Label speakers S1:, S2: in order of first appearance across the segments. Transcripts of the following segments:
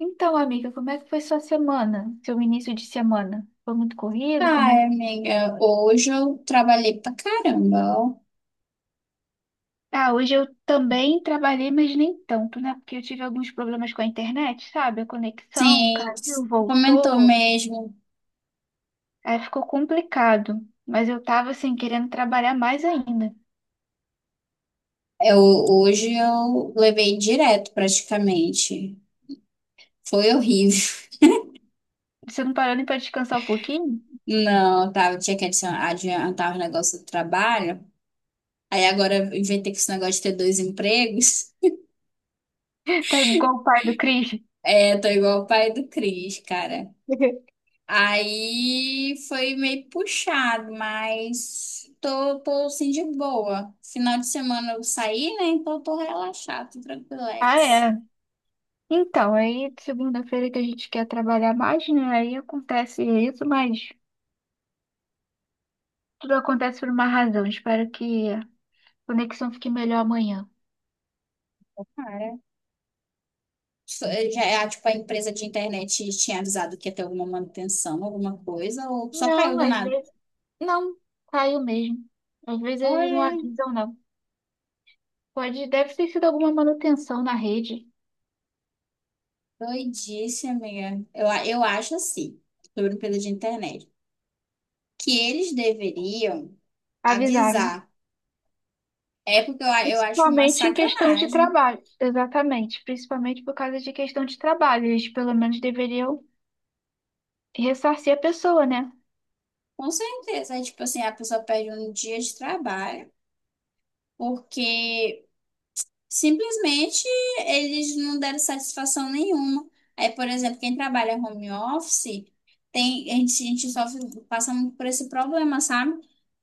S1: Então, amiga, como é que foi sua semana? Seu início de semana? Foi muito corrido?
S2: Ai, amiga, hoje eu trabalhei pra caramba, ó.
S1: Ah, hoje eu também trabalhei, mas nem tanto, né? Porque eu tive alguns problemas com a internet, sabe? A conexão
S2: Sim,
S1: caiu,
S2: comentou
S1: voltou.
S2: mesmo.
S1: Aí ficou complicado. Mas eu tava, assim, querendo trabalhar mais ainda.
S2: Eu, hoje eu levei direto praticamente. Foi horrível.
S1: Você não parou nem pra descansar um pouquinho?
S2: Não, tinha que adiantar os negócios do trabalho. Aí agora eu inventei que esse negócio de ter dois empregos.
S1: Tá igual o pai do Cris.
S2: É, tô igual o pai do Cris, cara. Aí foi meio puxado, mas tô assim de boa. Final de semana eu saí, né? Então tô relaxada, tô
S1: Ah,
S2: tranquilex.
S1: é. Então, aí segunda-feira que a gente quer trabalhar mais, né? Aí acontece isso, mas tudo acontece por uma razão. Espero que conexão fique melhor amanhã.
S2: Cara, tipo, a empresa de internet tinha avisado que ia ter alguma manutenção, alguma coisa, ou só caiu
S1: Não,
S2: do
S1: às
S2: nada.
S1: vezes não. Caiu mesmo. Às vezes eles não
S2: Olha,
S1: avisam, não. Pode, deve ter sido alguma manutenção na rede.
S2: doidice, amiga. Eu acho assim, sobre a empresa de internet, que eles deveriam
S1: Avisar, né?
S2: avisar. É porque eu acho uma
S1: Principalmente em questão de
S2: sacanagem.
S1: trabalho. Exatamente. Principalmente por causa de questão de trabalho. Eles pelo menos deveriam ressarcir a pessoa, né?
S2: Com certeza, aí, tipo assim, a pessoa perde um dia de trabalho porque simplesmente eles não deram satisfação nenhuma. Aí, por exemplo, quem trabalha home office, tem, a gente sofre, passa muito por esse problema, sabe?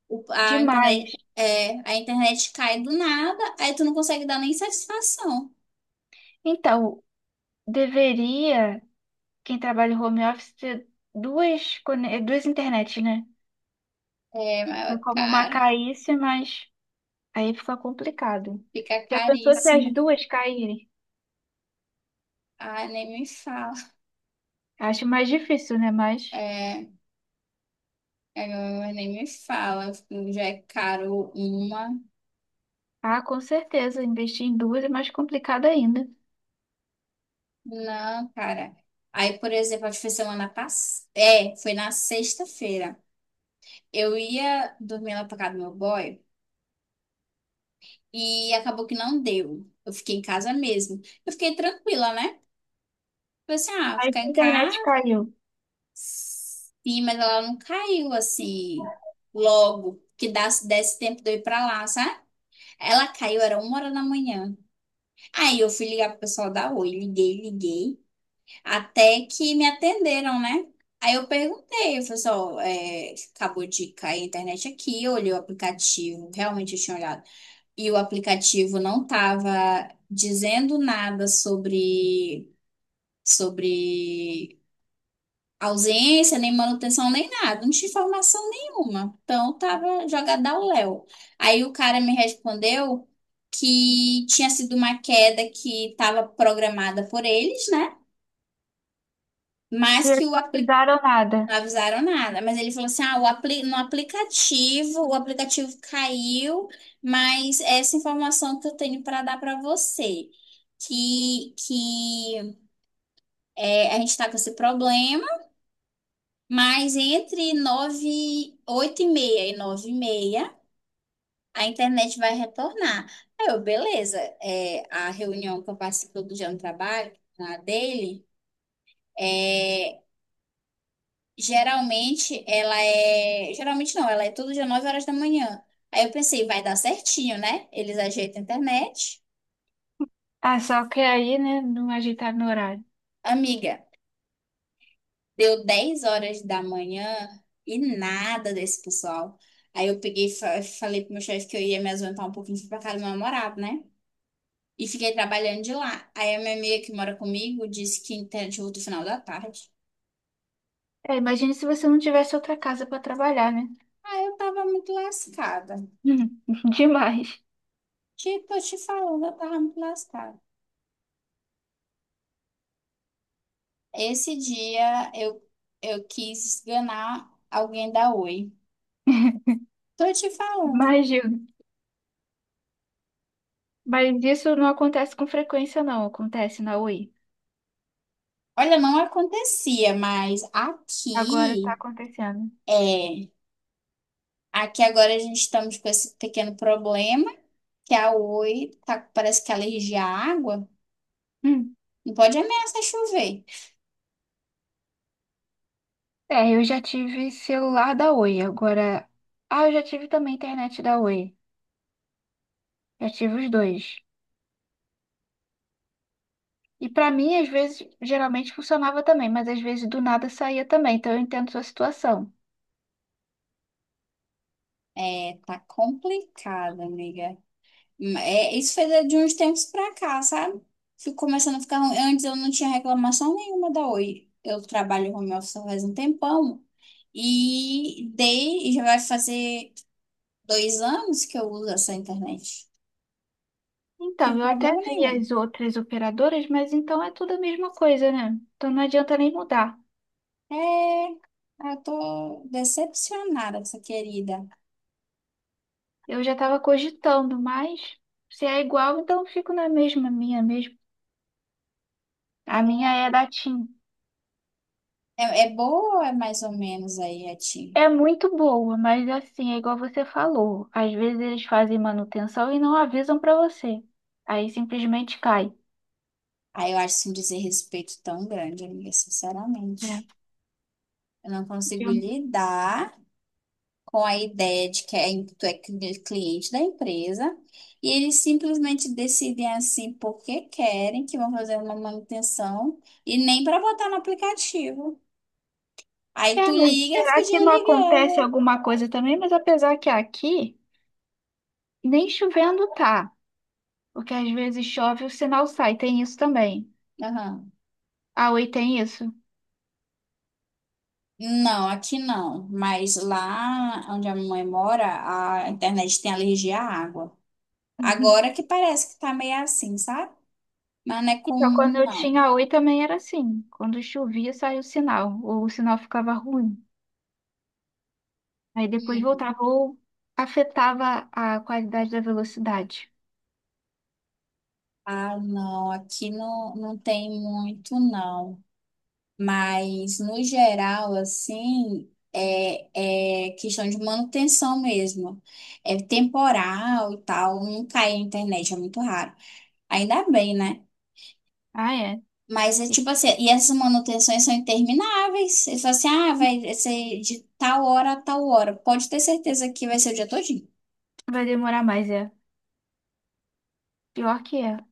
S2: O- a
S1: Demais.
S2: internet, é, a internet cai do nada, aí tu não consegue dar nem satisfação.
S1: Então, deveria, quem trabalha em home office, ter duas, duas internets, né?
S2: É, mas
S1: Porque
S2: é
S1: como uma
S2: caro,
S1: caísse, mas. Aí fica complicado.
S2: fica
S1: Já pensou se as
S2: caríssimo.
S1: duas caírem?
S2: Ai, nem me fala.
S1: Acho mais difícil, né? Mas,
S2: É, é, nem me fala, já é caro uma.
S1: ah, com certeza, investir em duas é mais complicado ainda.
S2: Não, cara. Aí, por exemplo, acho que foi semana passada. É, foi na sexta-feira. Eu ia dormir lá pra casa do meu boy e acabou que não deu. Eu fiquei em casa mesmo. Eu fiquei tranquila, né? Falei assim, ah,
S1: Aí
S2: ficar
S1: se
S2: em
S1: a internet
S2: casa.
S1: caiu.
S2: Sim, mas ela não caiu assim logo. Que desse tempo de eu ir pra lá, sabe? Ela caiu, era 1 hora da manhã. Aí eu fui ligar pro pessoal da Oi, liguei, liguei. Até que me atenderam, né? Aí eu perguntei, eu falei só, acabou de cair a internet aqui, eu olhei o aplicativo, realmente eu tinha olhado. E o aplicativo não estava dizendo nada sobre ausência, nem manutenção, nem nada, não tinha informação nenhuma. Então tava jogada ao léu. Aí o cara me respondeu que tinha sido uma queda que estava programada por eles, né?
S1: E
S2: Mas que
S1: eles
S2: o
S1: não
S2: aplicativo.
S1: avisaram nada.
S2: Não avisaram nada, mas ele falou assim: ah, o apli no aplicativo, o aplicativo caiu, mas essa informação que eu tenho para dar para você, que é, a gente está com esse problema, mas entre 9 8 e meia e 9 e meia, a internet vai retornar. Aí eu, beleza, a reunião que eu participei do dia no trabalho, na dele. é, Geralmente ela é. Geralmente não, ela é todo dia 9 horas da manhã. Aí eu pensei, vai dar certinho, né? Eles ajeitam a internet.
S1: Ah, só que aí, né, não ajeitaram no horário.
S2: Amiga, deu 10 horas da manhã e nada desse pessoal. Aí eu peguei e falei pro meu chefe que eu ia me ausentar um pouquinho, fui pra casa do meu namorado, né? E fiquei trabalhando de lá. Aí a minha amiga que mora comigo disse que a internet volta no final da tarde.
S1: É, imagine se você não tivesse outra casa para trabalhar, né?
S2: Aí eu tava muito lascada.
S1: Hum, demais.
S2: Tipo, eu te falando, eu tava muito lascada. Esse dia eu quis esganar alguém da Oi. Tô te falando.
S1: Imagino. Mas isso não acontece com frequência, não. Acontece na Oi.
S2: Olha, não acontecia, mas
S1: Agora tá
S2: aqui
S1: acontecendo.
S2: é. Aqui agora a gente estamos com esse pequeno problema, que a Oi tá, parece que é alergia à água. Não pode ameaçar chover.
S1: É, eu já tive celular da Oi, agora. Ah, eu já tive também internet da Oi. Já tive os dois. E pra mim, às vezes, geralmente funcionava também, mas às vezes do nada saía também, então eu entendo sua situação.
S2: É, tá complicado, amiga. É, isso foi de uns tempos pra cá, sabe? Fico começando a ficar ruim. Antes eu não tinha reclamação nenhuma da Oi. Eu trabalho home office faz um tempão. E já vai fazer 2 anos que eu uso essa internet. Não
S1: Então,
S2: tive
S1: eu até
S2: problema
S1: vi
S2: nenhum.
S1: as outras operadoras, mas então é tudo a mesma coisa, né? Então não adianta nem mudar.
S2: É, eu tô decepcionada com essa querida.
S1: Eu já estava cogitando, mas se é igual, então eu fico na mesma, minha mesmo. A minha é da TIM.
S2: É, é boa ou é mais ou menos aí a ti?
S1: É muito boa, mas assim, é igual você falou. Às vezes eles fazem manutenção e não avisam pra você. Aí simplesmente cai.
S2: Aí eu acho assim, um desrespeito tão grande, amiga,
S1: É.
S2: sinceramente. Eu não consigo lidar com a ideia de que tu é cliente da empresa e eles simplesmente decidem assim porque querem que vão fazer uma manutenção e nem para botar no aplicativo. Aí tu
S1: É, mas
S2: liga e fica o
S1: será que
S2: dia
S1: não acontece
S2: ligado.
S1: alguma coisa também? Mas apesar que aqui nem chovendo tá, porque às vezes chove o sinal sai, tem isso também.
S2: Aham.
S1: A Oi tem isso.
S2: Não, aqui não. Mas lá onde a mamãe mora, a internet tem alergia à água.
S1: Uhum.
S2: Agora que parece que tá meio assim, sabe? Mas não é
S1: Então, quando
S2: comum,
S1: eu
S2: não.
S1: tinha a Oi também era assim. Quando chovia saía o sinal, ou o sinal ficava ruim. Aí depois
S2: Uhum.
S1: voltava ou afetava a qualidade da velocidade.
S2: Ah, não, aqui não, não tem muito, não. Mas, no geral, assim, é questão de manutenção mesmo. É temporal e tal, não cai a internet, é muito raro. Ainda bem, né?
S1: Ah, é.
S2: Mas é
S1: E
S2: tipo assim, e essas manutenções são intermináveis. Eles falam assim, ah, vai ser de tal hora a tal hora. Pode ter certeza que vai ser o dia todinho.
S1: vai demorar mais, é. Pior que é.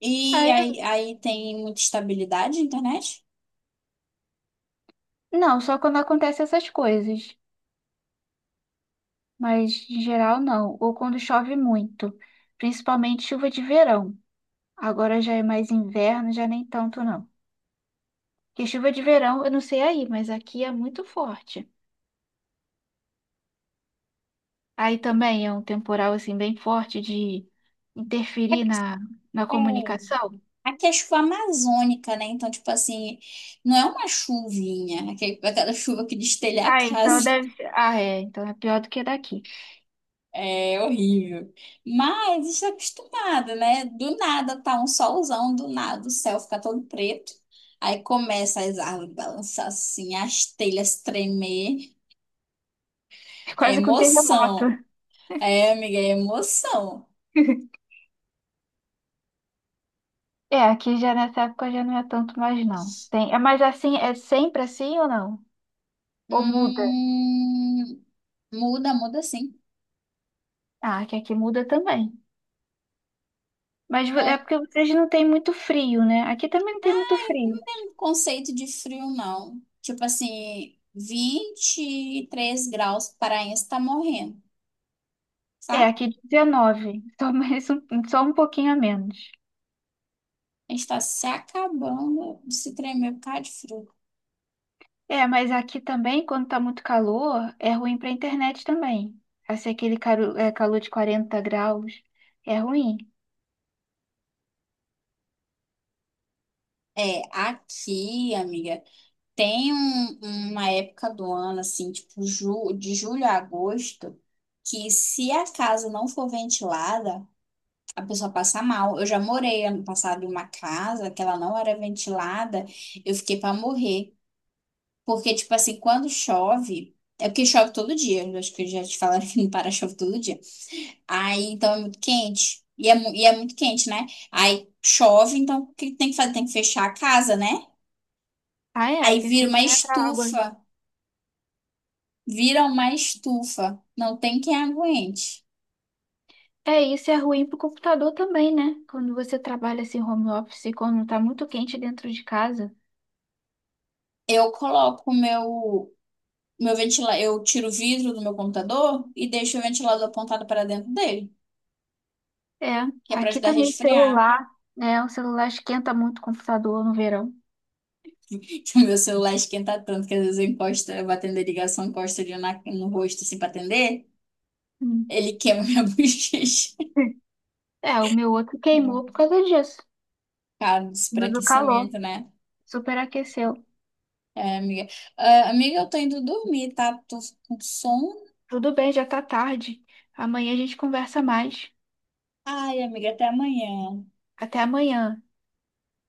S2: E
S1: Aí,
S2: aí, aí tem muita estabilidade na internet?
S1: não, só quando acontecem essas coisas. Mas, em geral, não. Ou quando chove muito. Principalmente chuva de verão. Agora já é mais inverno, já nem tanto, não. Porque chuva de verão, eu não sei aí, mas aqui é muito forte. Aí também é um temporal, assim, bem forte de interferir na
S2: É.
S1: comunicação.
S2: Aqui é chuva amazônica, né? Então, tipo assim, não é uma chuvinha, aquela chuva que destelha a
S1: Ah, então
S2: casa.
S1: deve ser. Ah, é. Então é pior do que daqui.
S2: É horrível. Mas está acostumada, né? Do nada tá um solzão, do nada o céu fica todo preto. Aí começa as árvores balançar assim, as telhas tremer.
S1: É
S2: É
S1: quase com terremoto.
S2: emoção. É, amiga, é emoção.
S1: É, aqui já nessa época já não é tanto mais, não. Tem, é, mas assim, é sempre assim ou não? Ou muda?
S2: Hum, Muda, muda sim.
S1: Ah, que aqui muda também. Mas é
S2: não
S1: porque vocês não têm muito frio, né? Aqui também não tem muito frio.
S2: Não tem um conceito de frio, não. Tipo assim, 23 graus, paraense tá morrendo,
S1: É,
S2: sabe?
S1: aqui 19, só mais um, só um pouquinho a menos.
S2: A gente tá se acabando de se tremer por causa de frio.
S1: É, mas aqui também, quando tá muito calor, é ruim pra internet também. Assim, aquele calor de 40 graus é ruim.
S2: É, aqui, amiga, tem uma época do ano, assim, tipo ju de julho a agosto, que se a casa não for ventilada, a pessoa passa mal. Eu já morei ano passado em uma casa que ela não era ventilada, eu fiquei pra morrer. Porque, tipo assim, quando chove. É porque chove todo dia. Eu acho que já te falaram que não para chove todo dia. Aí, então, é muito quente. E é muito quente, né? Aí chove, então o que tem que fazer? Tem que fechar a casa, né?
S1: Ah, é?
S2: Aí
S1: Porque você
S2: vira
S1: não
S2: uma
S1: entra água.
S2: estufa. Vira uma estufa. Não tem quem aguente.
S1: É, isso é ruim pro computador também, né? Quando você trabalha assim home office, quando tá muito quente dentro de casa.
S2: Eu coloco o meu ventilador. Eu tiro o vidro do meu computador e deixo o ventilador apontado para dentro dele,
S1: É,
S2: que é para
S1: aqui
S2: ajudar a
S1: também
S2: resfriar.
S1: celular, né? O celular esquenta muito o computador no verão.
S2: Então, meu celular esquenta tanto que às vezes eu encosto, eu vou atender ligação, encosto ele no rosto assim pra atender.
S1: Hum.
S2: Ele queima minha bochecha.
S1: É, o meu outro queimou por causa disso,
S2: Cara,
S1: do calor,
S2: enfraquecimento, né?
S1: superaqueceu.
S2: É, amiga. Ah, amiga, eu tô indo dormir, tá? Tô com sono.
S1: Tudo bem, já tá tarde. Amanhã a gente conversa mais.
S2: Ai, amiga, até amanhã.
S1: Até amanhã.